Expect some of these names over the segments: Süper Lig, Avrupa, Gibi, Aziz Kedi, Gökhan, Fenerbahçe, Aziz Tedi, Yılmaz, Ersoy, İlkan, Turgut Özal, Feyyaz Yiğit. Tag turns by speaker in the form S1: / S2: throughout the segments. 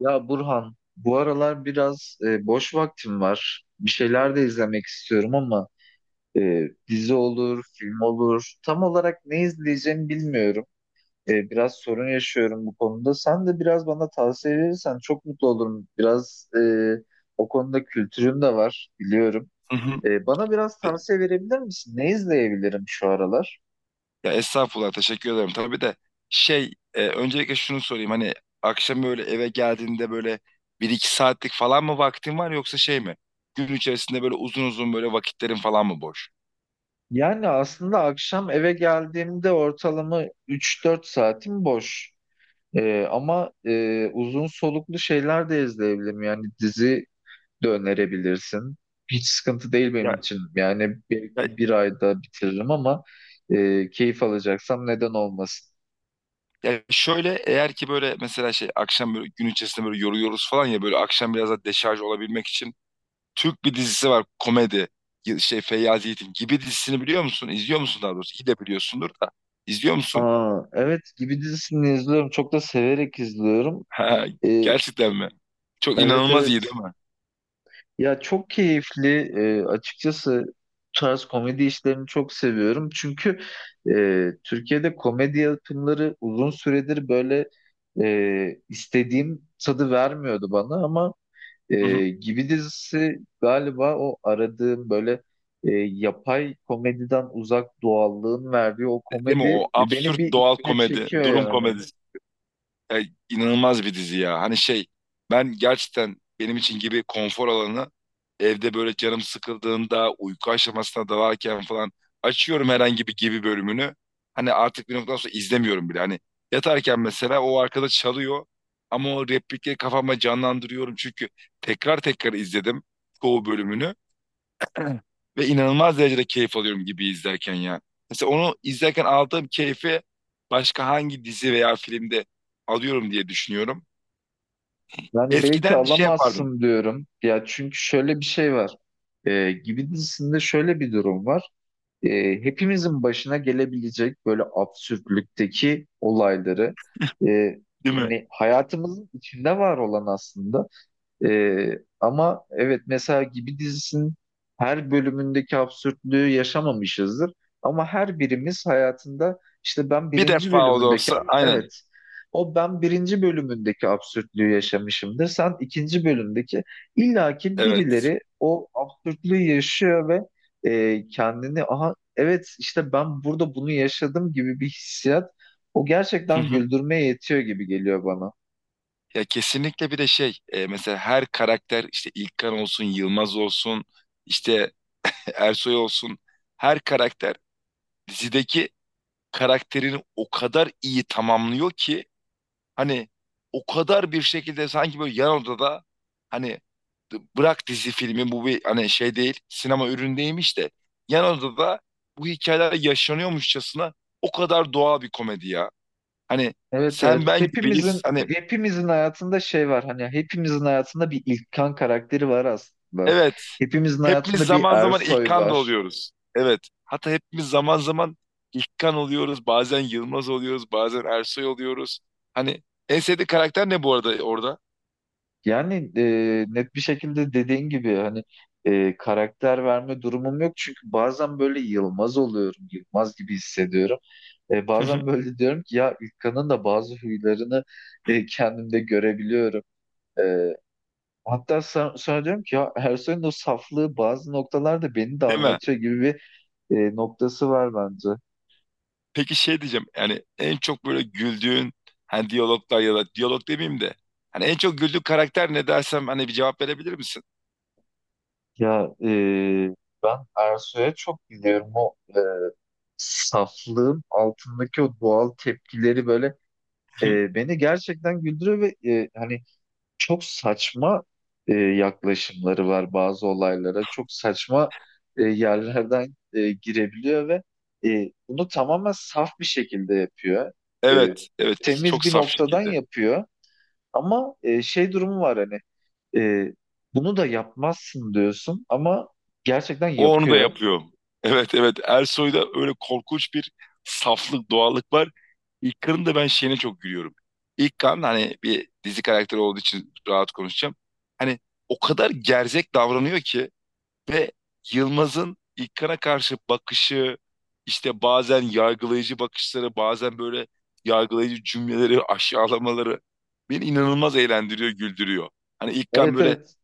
S1: Ya Burhan, bu aralar biraz boş vaktim var. Bir şeyler de izlemek istiyorum ama dizi olur, film olur. Tam olarak ne izleyeceğimi bilmiyorum. Biraz sorun yaşıyorum bu konuda. Sen de biraz bana tavsiye verirsen çok mutlu olurum. Biraz o konuda kültürüm de var, biliyorum.
S2: Hı hı.
S1: Bana biraz tavsiye verebilir misin? Ne izleyebilirim şu aralar?
S2: Ya estağfurullah teşekkür ederim. Tabii de öncelikle şunu sorayım hani akşam böyle eve geldiğinde böyle bir iki saatlik falan mı vaktin var yoksa şey mi? Gün içerisinde böyle uzun uzun böyle vakitlerin falan mı boş?
S1: Yani aslında akşam eve geldiğimde ortalama üç dört saatim boş. Ama uzun soluklu şeyler de izleyebilirim. Yani dizi de önerebilirsin. Hiç sıkıntı değil benim
S2: Ya,
S1: için. Yani
S2: ya,
S1: belki bir ayda bitiririm ama keyif alacaksam neden olmasın.
S2: Ya şöyle eğer ki böyle mesela akşam böyle gün içerisinde böyle yoruluyoruz falan ya böyle akşam biraz da deşarj olabilmek için Türk bir dizisi var komedi. Feyyaz Yiğit'in Gibi dizisini biliyor musun? İzliyor musun daha doğrusu? İyi de biliyorsundur da. İzliyor musun?
S1: Aa, evet gibi dizisini izliyorum. Çok da severek izliyorum.
S2: Ha,
S1: Ee,
S2: gerçekten mi? Çok
S1: evet
S2: inanılmaz iyi
S1: evet.
S2: değil mi?
S1: Ya çok keyifli, açıkçası bu tarz komedi işlerini çok seviyorum. Çünkü Türkiye'de komedi yapımları uzun süredir böyle istediğim tadı vermiyordu bana ama
S2: Hı hı.
S1: Gibi dizisi galiba o aradığım, böyle yapay komediden uzak doğallığın verdiği o
S2: Değil mi?
S1: komedi
S2: O
S1: beni
S2: absürt
S1: bir
S2: doğal
S1: içine
S2: komedi,
S1: çekiyor
S2: durum
S1: yani.
S2: komedisi. Ya, inanılmaz bir dizi ya. Hani ben gerçekten benim için Gibi konfor alanı. Evde böyle canım sıkıldığında uyku aşamasına dalarken falan açıyorum herhangi bir Gibi bölümünü. Hani artık bir noktadan sonra izlemiyorum bile. Hani yatarken mesela o arkada çalıyor ama o replikleri kafama canlandırıyorum çünkü tekrar tekrar izledim çoğu bölümünü. Ve inanılmaz derecede keyif alıyorum Gibi izlerken ya. Mesela onu izlerken aldığım keyfi başka hangi dizi veya filmde alıyorum diye düşünüyorum.
S1: Yani belki
S2: Eskiden şey
S1: alamazsın
S2: yapardım,
S1: diyorum. Ya çünkü şöyle bir şey var. Gibi dizisinde şöyle bir durum var. Ee, hepimizin başına gelebilecek böyle absürtlükteki olayları, e,
S2: değil mi?
S1: hani hayatımızın içinde var olan aslında, ama evet mesela Gibi dizisinin her bölümündeki absürtlüğü yaşamamışızdır. Ama her birimiz hayatında işte ben
S2: Bir
S1: birinci
S2: defa o da
S1: bölümündeki,
S2: olsa aynen.
S1: evet, o ben birinci bölümündeki absürtlüğü yaşamışımdır. Sen ikinci bölümdeki, illaki
S2: Evet.
S1: birileri o absürtlüğü yaşıyor ve kendini aha evet işte ben burada bunu yaşadım gibi bir hissiyat, o
S2: Hı
S1: gerçekten
S2: hı.
S1: güldürmeye yetiyor gibi geliyor bana.
S2: Ya kesinlikle. Bir de mesela her karakter, işte İlkan olsun, Yılmaz olsun, işte Ersoy olsun, her karakter dizideki karakterini o kadar iyi tamamlıyor ki. Hani o kadar bir şekilde, sanki böyle yan odada, hani bırak dizi filmi, bu bir hani şey değil, sinema ürünü değilmiş de yan odada bu hikayeler yaşanıyormuşçasına o kadar doğal bir komedi ya. Hani
S1: Evet
S2: sen
S1: evet,
S2: ben
S1: hepimizin
S2: gibiyiz. Hani
S1: hepimizin hayatında şey var, hani hepimizin hayatında bir İlkan karakteri var aslında.
S2: evet,
S1: Hepimizin
S2: hepimiz
S1: hayatında bir
S2: zaman zaman
S1: Ersoy
S2: İlkan da
S1: var.
S2: oluyoruz. Evet, hatta hepimiz zaman zaman İlkan oluyoruz. Bazen Yılmaz oluyoruz. Bazen Ersoy oluyoruz. Hani en sevdiği karakter ne bu arada orada?
S1: Yani net bir şekilde dediğin gibi, hani karakter verme durumum yok çünkü bazen böyle Yılmaz oluyorum, Yılmaz gibi hissediyorum. Bazen böyle diyorum ki ya, İlkan'ın da bazı huylarını kendimde görebiliyorum. E, Hatta sonra diyorum ki ya, Ersoy'un o saflığı bazı noktalarda beni de
S2: Değil mi?
S1: anlatıyor gibi bir noktası var bence.
S2: Peki şey diyeceğim, yani en çok böyle güldüğün hani diyaloglar ya da diyalog demeyeyim de hani en çok güldüğün karakter ne dersem hani bir cevap verebilir misin?
S1: Ya ben Ersoy'a çok biliyorum, o saflığın altındaki o doğal tepkileri böyle beni gerçekten güldürüyor ve hani çok saçma yaklaşımları var bazı olaylara. Çok saçma yerlerden girebiliyor ve bunu tamamen saf bir şekilde yapıyor. E,
S2: Evet evet,
S1: Temiz
S2: çok
S1: bir
S2: saf
S1: noktadan
S2: şekilde.
S1: yapıyor ama şey durumu var, hani e, bunu da yapmazsın diyorsun ama gerçekten
S2: O onu da
S1: yapıyor.
S2: yapıyor. Evet evet, Ersoy'da öyle korkunç bir saflık doğallık var. İlkan'ın da ben şeyine çok gülüyorum. İlkan hani bir dizi karakteri olduğu için rahat konuşacağım. Hani o kadar gerzek davranıyor ki. Ve Yılmaz'ın İlkan'a karşı bakışı, işte bazen yargılayıcı bakışları, bazen böyle yargılayıcı cümleleri, aşağılamaları beni inanılmaz eğlendiriyor, güldürüyor. Hani İlkan
S1: Evet
S2: böyle
S1: evet.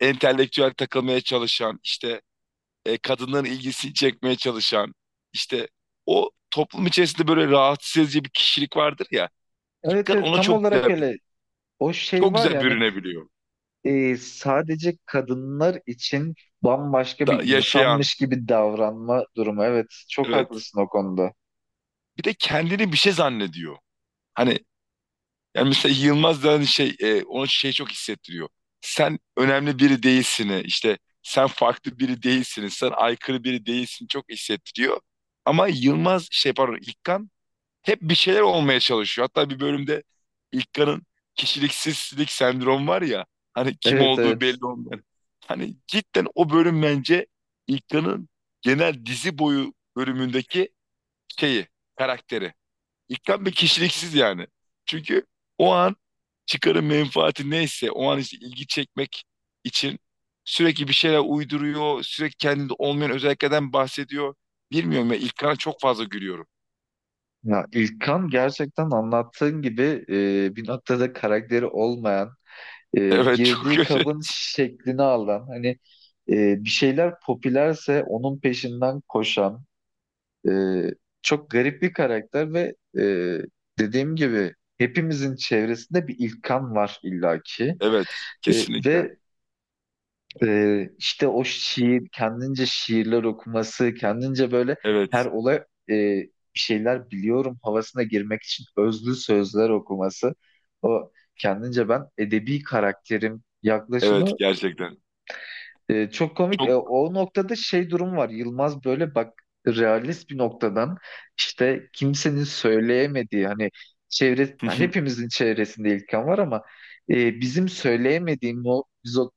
S2: entelektüel takılmaya çalışan, işte kadınların ilgisini çekmeye çalışan, işte o toplum içerisinde böyle rahatsız edici bir kişilik vardır ya.
S1: Evet
S2: İlkan
S1: evet,
S2: ona
S1: tam
S2: çok
S1: olarak
S2: güzel,
S1: öyle. O şey
S2: çok
S1: var
S2: güzel
S1: yani,
S2: bürünebiliyor.
S1: sadece kadınlar için bambaşka bir
S2: Da, yaşayan,
S1: insanmış gibi davranma durumu. Evet çok
S2: evet.
S1: haklısın o konuda.
S2: Bir de kendini bir şey zannediyor. Hani yani mesela Yılmaz da hani ona şey çok hissettiriyor. Sen önemli biri değilsin. İşte sen farklı biri değilsin. Sen aykırı biri değilsin, çok hissettiriyor. Ama Yılmaz pardon İlkan hep bir şeyler olmaya çalışıyor. Hatta bir bölümde İlkan'ın kişiliksizlik sendromu var ya, hani kim
S1: Evet
S2: olduğu
S1: evet.
S2: belli olmayan. Hani cidden o bölüm bence İlkan'ın genel dizi boyu bölümündeki şeyi, karakteri. İkram bir kişiliksiz yani. Çünkü o an çıkarın menfaati neyse o an işte ilgi çekmek için sürekli bir şeyler uyduruyor. Sürekli kendinde olmayan özelliklerden bahsediyor. Bilmiyorum ya, İlkan'a çok fazla gülüyorum.
S1: Ya İlkan gerçekten anlattığın gibi bir noktada karakteri olmayan,
S2: Evet, çok
S1: girdiği
S2: kötü.
S1: kabın şeklini alan, hani bir şeyler popülerse onun peşinden koşan, Ee, çok garip bir karakter ve dediğim gibi hepimizin çevresinde bir İlkan var illaki.
S2: Evet, kesinlikle.
S1: Ve işte o şiir, kendince şiirler okuması, kendince böyle her
S2: Evet.
S1: olay e, bir şeyler biliyorum havasına girmek için özlü sözler okuması. O kendince ben edebi karakterim
S2: Evet,
S1: yaklaşımı
S2: gerçekten.
S1: çok komik.
S2: Çok
S1: O noktada şey durum var. Yılmaz böyle bak realist bir noktadan, işte kimsenin söyleyemediği, hani çevre, hepimizin çevresinde İlkan var ama bizim söyleyemediğimiz o, biz o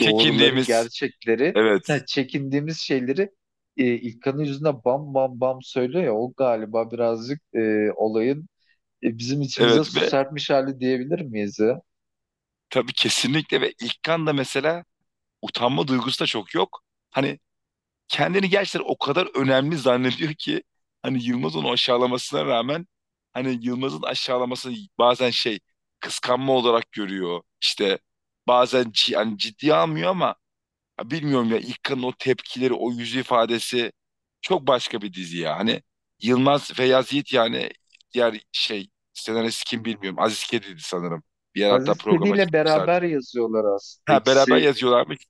S1: doğruları, gerçekleri,
S2: Evet.
S1: ha, çekindiğimiz şeyleri İlkan'ın yüzüne bam bam bam söylüyor ya, o galiba birazcık olayın bizim içimize
S2: Evet
S1: su
S2: ve
S1: serpmiş hali diyebilir miyiz ya?
S2: tabii kesinlikle, ve İlkan da mesela utanma duygusu da çok yok. Hani kendini gerçekten o kadar önemli zannediyor ki hani Yılmaz onu aşağılamasına rağmen, hani Yılmaz'ın aşağılaması bazen şey, kıskanma olarak görüyor. İşte bazen yani ciddiye almıyor ama ya bilmiyorum ya, İlkan'ın o tepkileri, o yüz ifadesi çok başka bir dizi ya. Hani Yılmaz Feyyaz Yiğit, yani diğer şey senarist kim bilmiyorum. Aziz Kedi'ydi sanırım. Bir yer hatta
S1: Aziz Tedi
S2: programa
S1: ile
S2: çıkmışlardı.
S1: beraber yazıyorlar aslında.
S2: Ha, beraber
S1: İkisi.
S2: yazıyorlarmış.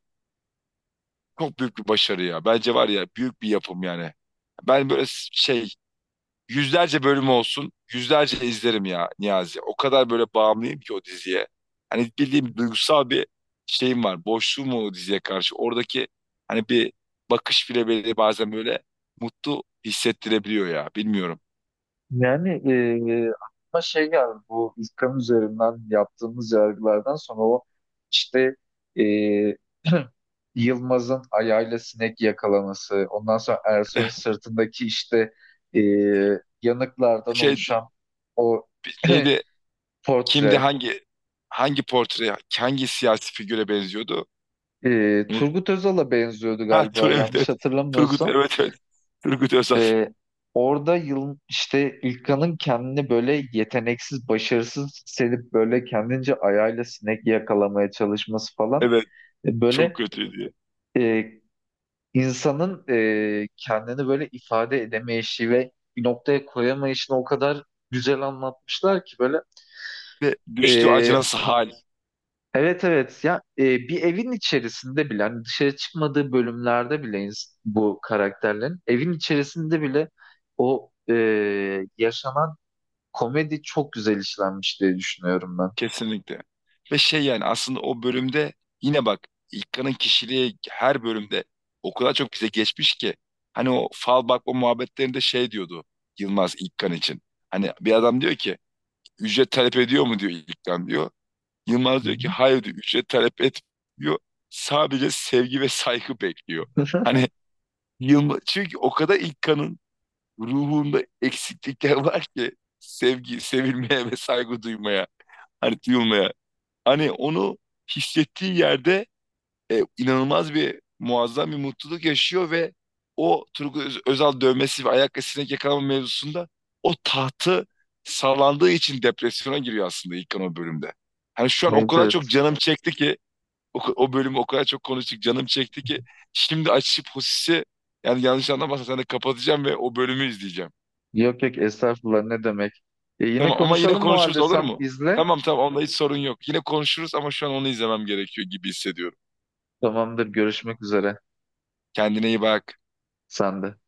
S2: Çok büyük bir başarı ya. Bence var ya, büyük bir yapım yani. Ben böyle yüzlerce bölüm olsun, yüzlerce izlerim ya Niyazi. O kadar böyle bağımlıyım ki o diziye. Hani bildiğim duygusal bir şeyim var. Boşluğum var o diziye karşı. Oradaki hani bir bakış bile beni bazen böyle mutlu hissettirebiliyor ya. Bilmiyorum.
S1: Yani aklıma şey geldi, bu İlkan üzerinden yaptığımız yargılardan sonra o işte e, Yılmaz'ın ayağıyla sinek yakalaması, ondan sonra Ersoy'un sırtındaki işte e, yanıklardan
S2: Şey
S1: oluşan o
S2: neydi? Kimdi,
S1: portre,
S2: hangi portre hangi siyasi figüre benziyordu? Unut.
S1: Turgut Özal'a benziyordu
S2: Ha
S1: galiba,
S2: Tur evet
S1: yanlış
S2: evet. Turgut
S1: hatırlamıyorsam.
S2: evet evet. Turgut Özal.
S1: Ee, orada yıl işte İlkan'ın kendini böyle yeteneksiz, başarısız hissedip böyle kendince ayağıyla sinek yakalamaya çalışması falan.
S2: Evet. Çok
S1: Böyle
S2: kötü diye.
S1: e, insanın kendini böyle ifade edemeyişi ve bir noktaya koyamayışını o kadar güzel anlatmışlar ki, böyle
S2: Ve düştüğü
S1: e,
S2: acınası
S1: ha-
S2: hal,
S1: evet evet ya, bir evin içerisinde bile hani dışarı çıkmadığı bölümlerde bile bu karakterlerin evin içerisinde bile o yaşanan komedi çok güzel işlenmiş diye düşünüyorum ben.
S2: kesinlikle. Ve şey, yani aslında o bölümde yine bak, İlkan'ın kişiliği her bölümde o kadar çok bize geçmiş ki. Hani o fal bakma muhabbetlerinde şey diyordu Yılmaz İlkan için. Hani bir adam diyor ki ücret talep ediyor mu diyor, İlkan diyor. Yılmaz
S1: Hı
S2: diyor ki hayır diyor, ücret talep etmiyor. Sadece sevgi ve saygı bekliyor.
S1: hı.
S2: Hani Yılmaz, çünkü o kadar İlkan'ın ruhunda eksiklikler var ki, sevgi, sevilmeye ve saygı duymaya, hani duyulmaya. Hani onu hissettiği yerde inanılmaz bir muazzam bir mutluluk yaşıyor ve o Turgut Özal dövmesi ve ayak sinek yakalama mevzusunda o tahtı sallandığı için depresyona giriyor aslında İlkan o bölümde. Hani şu an o
S1: Evet,
S2: kadar çok
S1: evet.
S2: canım çekti ki o bölümü, o kadar çok konuştuk, canım çekti ki şimdi açıp Hosis'i, yani yanlış anlamazsan sen de kapatacağım ve o bölümü izleyeceğim.
S1: Yok yok, estağfurullah, ne demek. Yine
S2: Tamam ama yine
S1: konuşalım o
S2: konuşuruz
S1: halde,
S2: olur
S1: sen
S2: mu?
S1: izle.
S2: Tamam tamam, onda hiç sorun yok. Yine konuşuruz ama şu an onu izlemem gerekiyor gibi hissediyorum.
S1: Tamamdır, görüşmek üzere.
S2: Kendine iyi bak.
S1: Sen de.